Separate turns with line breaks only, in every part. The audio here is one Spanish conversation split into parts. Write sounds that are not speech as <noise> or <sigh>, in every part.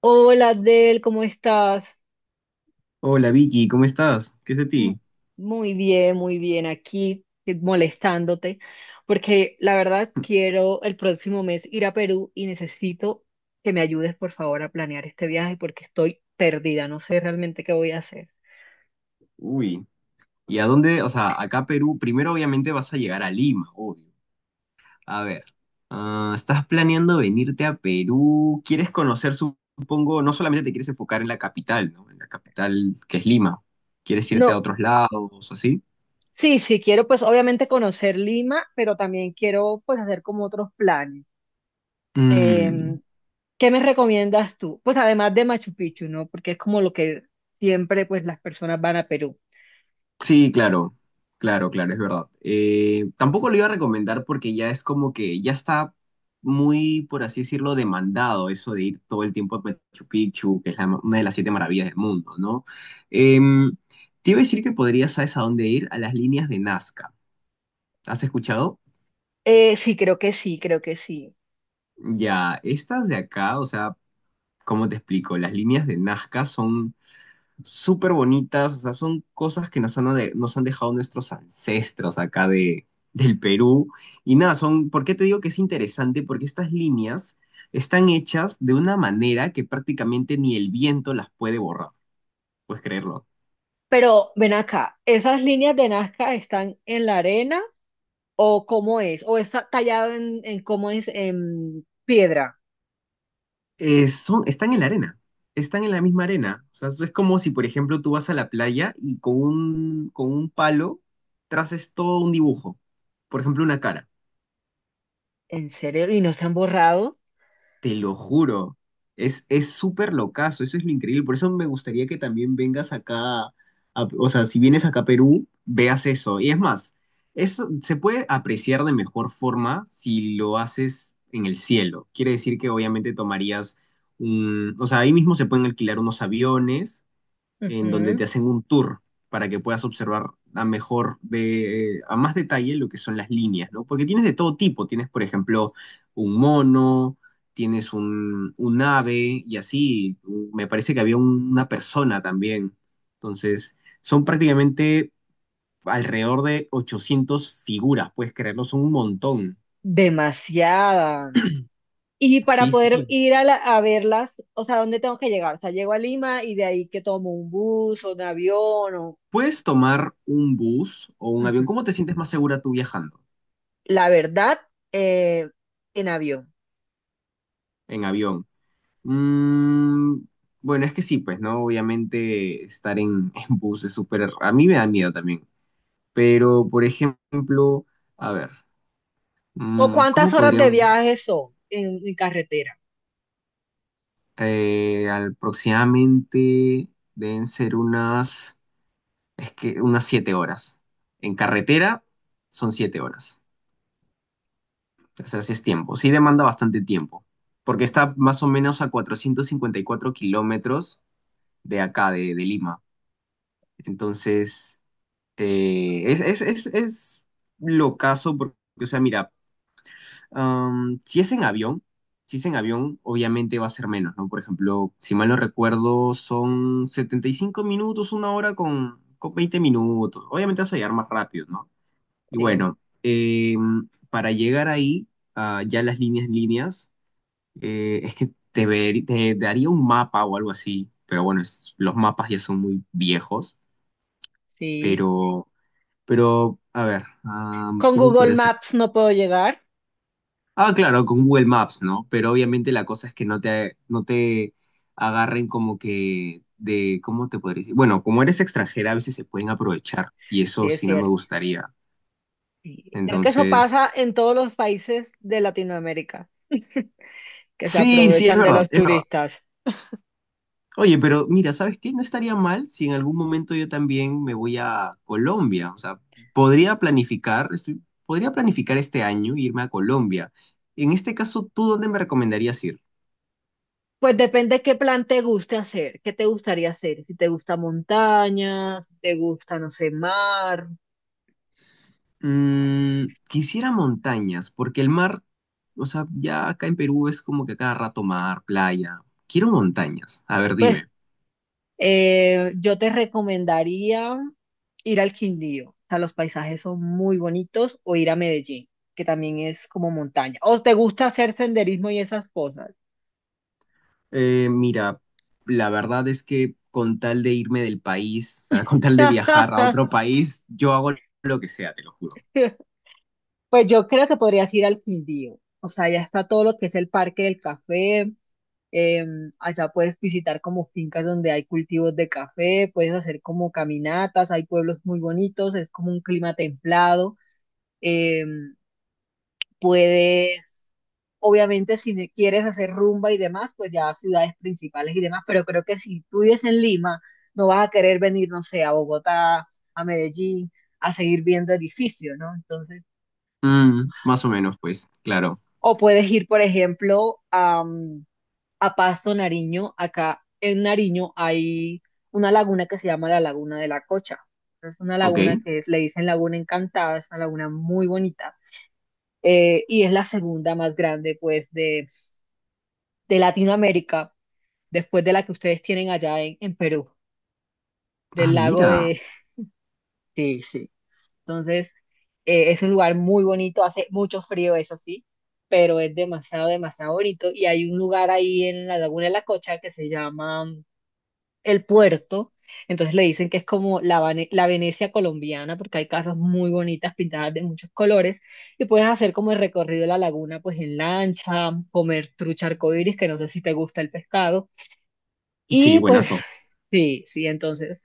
Hola, Adel, ¿cómo estás?
Hola Vicky, ¿cómo estás? ¿Qué es de
M-
ti?
Muy bien, aquí molestándote, porque la verdad quiero el próximo mes ir a Perú y necesito que me ayudes, por favor, a planear este viaje porque estoy perdida, no sé realmente qué voy a hacer.
Uy, ¿y a dónde? O sea, acá Perú, primero obviamente vas a llegar a Lima, obvio. A ver, ¿estás planeando venirte a Perú? Quieres conocer, supongo, no solamente te quieres enfocar en la capital, ¿no? En la capital que es Lima. ¿Quieres irte a
No,
otros lados o así?
sí, sí, quiero pues obviamente conocer Lima, pero también quiero pues hacer como otros planes.
Mm.
Em, ¿Qué me recomiendas tú? Pues además de Machu Picchu, ¿no? Porque es como lo que siempre pues las personas van a Perú.
Sí, claro, claro, claro, es verdad. Tampoco lo iba a recomendar porque ya es como que ya está muy, por así decirlo, demandado eso de ir todo el tiempo a Machu Picchu, que es una de las siete maravillas del mundo, ¿no? Em, Te iba a decir que podrías, ¿sabes a dónde ir? A las líneas de Nazca. ¿Has escuchado?
Sí, creo que sí, creo que sí.
Ya, estas de acá, o sea, ¿cómo te explico? Las líneas de Nazca son súper bonitas, o sea, son cosas que nos han, nos han dejado nuestros ancestros acá de, del Perú. Y nada, son, ¿por qué te digo que es interesante? Porque estas líneas están hechas de una manera que prácticamente ni el viento las puede borrar, puedes creerlo.
Pero ven acá, ¿esas líneas de Nazca están en la arena o cómo es? ¿O está tallado en cómo es en piedra?
Son, están en la arena, están en la misma arena. O sea, es como si, por ejemplo, tú vas a la playa y con un palo traces todo un dibujo, por ejemplo, una cara.
¿En serio? ¿Y no se han borrado?
Te lo juro, es súper locazo, eso es lo increíble. Por eso me gustaría que también vengas acá, o sea, si vienes acá a Perú, veas eso. Y es más, eso se puede apreciar de mejor forma si lo haces en el cielo. Quiere decir que obviamente tomarías un, o sea, ahí mismo se pueden alquilar unos aviones en donde
Ujú.
te hacen un tour para que puedas observar a mejor de a más detalle lo que son las líneas, ¿no? Porque tienes de todo tipo, tienes por ejemplo un mono, tienes un ave y así, me parece que había una persona también. Entonces, son prácticamente alrededor de 800 figuras, puedes creerlo, son un montón.
Demasiada. Y para
Sí,
poder
sí.
ir a verlas, o sea, ¿dónde tengo que llegar? O sea, llego a Lima y de ahí que tomo un bus o un avión o.
Puedes tomar un bus o un avión.
Ujú.
¿Cómo te sientes más segura tú viajando
La verdad, eh, en avión.
en avión? Mm, bueno, es que sí, pues, ¿no? Obviamente estar en bus es súper... A mí me da miedo también. Pero, por ejemplo, a ver,
¿O cuántas
¿cómo
horas de
podríamos...
viaje son en carretera?
aproximadamente deben ser unas... Es que unas 7 horas. En carretera son 7 horas. O sea, sí es tiempo. Sí demanda bastante tiempo. Porque está más o menos a 454 kilómetros de acá, de Lima. Entonces es locazo porque, o sea, mira, am, si es en avión, si es en avión, obviamente va a ser menos, ¿no? Por ejemplo, si mal no recuerdo, son 75 minutos, una hora con 20 minutos. Obviamente vas a llegar más rápido, ¿no? Y bueno, para llegar ahí, a ya líneas, es que te, te daría un mapa o algo así, pero bueno, los mapas ya son muy viejos,
Sí,
pero... Pero, a ver,
con
¿cómo
Google
podría ser?
Maps no puedo llegar,
Ah, claro, con Google Maps, ¿no? Pero obviamente la cosa es que no te agarren como que de, ¿cómo te podría decir? Bueno, como eres extranjera, a veces se pueden aprovechar y
sí
eso
es
sí no me
cierto.
gustaría.
Sí. Creo que eso
Entonces,
pasa en todos los países de Latinoamérica, que se
sí, sí, es
aprovechan de
verdad,
los
es verdad.
turistas.
Oye, pero mira, ¿sabes qué? No estaría mal si en algún momento yo también me voy a Colombia. O sea, podría planificar este año irme a Colombia. En este caso, ¿tú dónde me recomendarías ir?
Pues depende qué plan te guste hacer, qué te gustaría hacer, si te gusta montaña, si te gusta, no sé, mar.
Mm, quisiera montañas, porque el mar, o sea, ya acá en Perú es como que a cada rato mar, playa. Quiero montañas. A ver,
Pues
dime.
yo te recomendaría ir al Quindío, o sea, los paisajes son muy bonitos, o ir a Medellín, que también es como montaña. O te gusta hacer senderismo y esas cosas.
Mira, la verdad es que con tal de irme del país, o sea, con tal de viajar a
<laughs>
otro país, yo hago lo que sea, te lo juro.
Pues yo creo que podrías ir al Quindío. O sea, ya está todo lo que es el Parque del Café. eh, Allá puedes visitar como fincas donde hay cultivos de café, puedes hacer como caminatas, hay pueblos muy bonitos, es como un clima templado. eh, Puedes, obviamente, si quieres hacer rumba y demás, pues ya a ciudades principales y demás, pero creo que si tú vives en Lima, no vas a querer venir, no sé, a Bogotá, a Medellín, a seguir viendo edificios, ¿no? Entonces
Mm, más o menos, pues, claro.
o puedes ir, por ejemplo, a Pasto, Nariño. Acá en Nariño hay una laguna que se llama la Laguna de la Cocha. Es una
Ok.
laguna que le dicen Laguna Encantada, es una laguna muy bonita. Y es la segunda más grande, pues, de Latinoamérica, después de la que ustedes tienen allá en Perú,
Ah,
del lago
mira.
de. <laughs> Entonces, es un lugar muy bonito, hace mucho frío, eso sí, pero es demasiado, demasiado bonito. Y hay un lugar ahí en la Laguna de la Cocha que se llama El Puerto. Entonces le dicen que es como la Venecia colombiana, porque hay casas muy bonitas pintadas de muchos colores. Y puedes hacer como el recorrido de la laguna, pues en lancha, comer trucha arcoíris, que no sé si te gusta el pescado.
Sí,
Y pues
buenazo.
<laughs> sí, sí, entonces.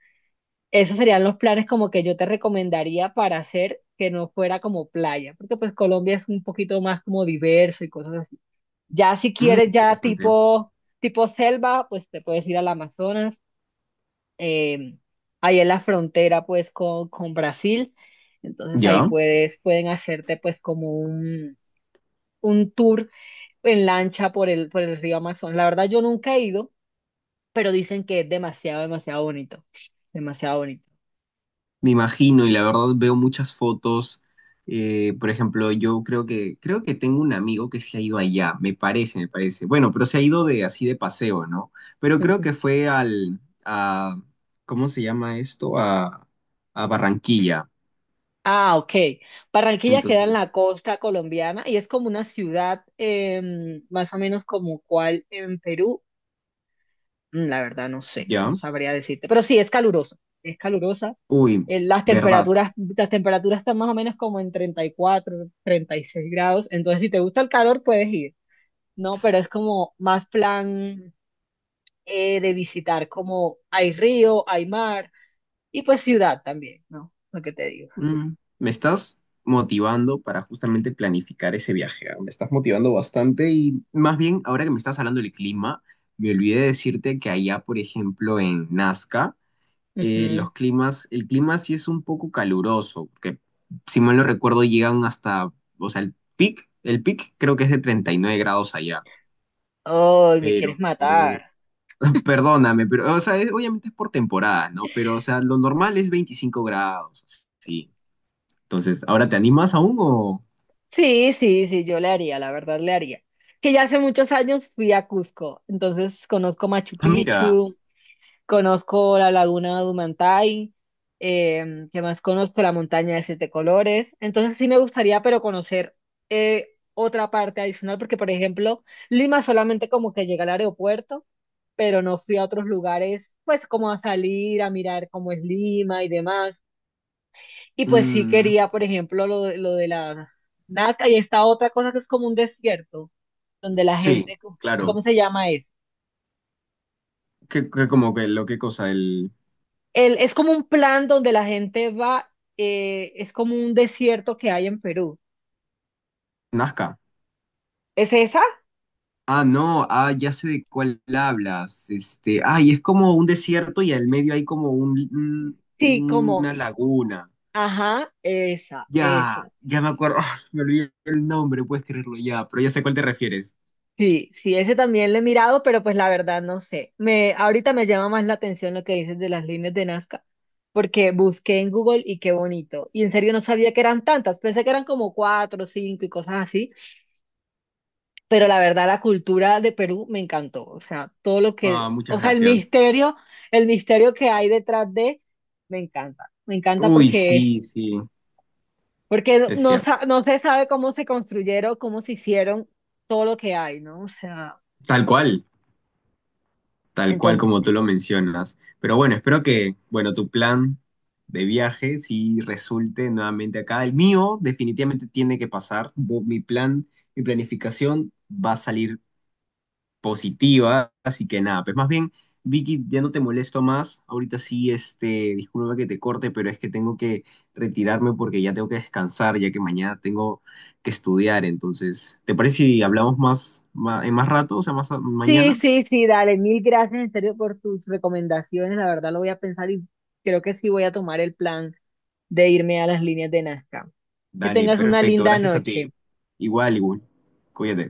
Esos serían los planes como que yo te recomendaría para hacer que no fuera como playa, porque pues Colombia es un poquito más como diverso y cosas así. Ya si
Mm,
quieres ya
interesante.
tipo selva, pues te puedes ir al Amazonas, eh, ahí en la frontera pues con Brasil, entonces ahí
¿Ya?
puedes, pueden hacerte pues como un tour en lancha por el río Amazonas. La verdad yo nunca he ido, pero dicen que es demasiado, demasiado bonito, demasiado bonito.
Me imagino, y la verdad veo muchas fotos. Por ejemplo, yo creo que tengo un amigo que se ha ido allá, me parece, me parece. Bueno, pero se ha ido de así de paseo, ¿no? Pero creo que
<laughs>
fue al, a, ¿cómo se llama esto? A Barranquilla.
Ah, ok. Barranquilla queda en
Entonces,
la costa colombiana y es como una ciudad más o menos como cual en Perú. La verdad no sé, no
ya.
sabría decirte. Pero sí, es caluroso, es calurosa.
Uy,
Eh, las
verdad.
temperaturas, las temperaturas están más o menos como en 30 34, 36 grados. Entonces, si te gusta el calor, puedes ir, ¿no? Pero es como más plan de visitar, como hay río, hay mar y pues ciudad también, ¿no? Lo que te digo.
Mm, me estás motivando para justamente planificar ese viaje. ¿Ah? Me estás motivando bastante y más bien, ahora que me estás hablando del clima, me olvidé decirte que allá, por ejemplo, en Nazca,
Ujú.
el clima sí es un poco caluroso, porque si mal no recuerdo llegan hasta, o sea, el pic creo que es de 39 grados allá,
Ay, me quieres
pero... <laughs>
matar.
Perdóname, pero, o sea, obviamente es por temporada, ¿no? Pero, o sea, lo normal es 25 grados, sí. Entonces, ¿ahora te animas aún o...?
Sí, sí, sí, yo le haría, la verdad le haría. Que ya hace muchos años fui a Cusco, entonces conozco Machu
Ah, mira,
Picchu, conozco la laguna de Humantay, ¿qué más conozco? La montaña de siete colores. Entonces sí me gustaría, pero conocer eh, otra parte adicional, porque por ejemplo, Lima solamente como que llega al aeropuerto, pero no fui a otros lugares, pues como a salir, a mirar cómo es Lima y demás. Y pues sí
mm,
quería, por ejemplo, lo de la Nazca y esta otra cosa que es como un desierto, donde la
sí,
gente,
claro.
¿cómo se llama eso?
¿Qué, como que lo qué cosa? El
Es como un plan donde la gente va, es como un desierto que hay en Perú.
Nazca.
¿Es esa?
Ah, no, ah, ya sé de cuál hablas. Este, ay, es como un desierto y al medio hay como
Sí, como,
una laguna.
ajá, esa, esa.
Ya, ya me acuerdo. <laughs> Ah, me olvidé el nombre, puedes creerlo ya, pero ya sé a cuál te refieres.
Sí, sí, ese también lo he mirado, pero pues la verdad no sé. Ahorita me llama más la atención lo que dices de las líneas de Nazca, porque busqué en Google y qué bonito. Y en serio no sabía que eran tantas, pensé que eran como cuatro, cinco y cosas así, pero la verdad la cultura de Perú me encantó. O sea, todo lo
Ah,
que,
muchas
o sea,
gracias.
el misterio que hay detrás de, me encanta. Me encanta
Uy,
porque,
sí, sí,
porque
es
no,
cierto.
sa- no se sabe cómo se construyeron, cómo se hicieron todo lo que hay, ¿no? O sea.
Tal cual. Tal cual como tú lo mencionas. Pero bueno, espero que, bueno, tu plan de viaje sí resulte nuevamente acá. El mío definitivamente tiene que pasar. Mi plan, mi planificación va a salir positiva. Así que nada, pues más bien, Vicky, ya no te molesto más. Ahorita sí, este, disculpa que te corte, pero es que tengo que retirarme porque ya tengo que descansar, ya que mañana tengo que estudiar. Entonces, ¿te parece si hablamos más, en más rato, o sea,
Sí,
mañana?
sí, sí, dale, mil gracias en serio por tus recomendaciones, la verdad lo voy a pensar y creo que sí voy a tomar el plan de irme a las líneas de Nazca. Que
Dale,
tengas una
perfecto,
linda
gracias a
noche.
ti. Igual, igual. Cuídate.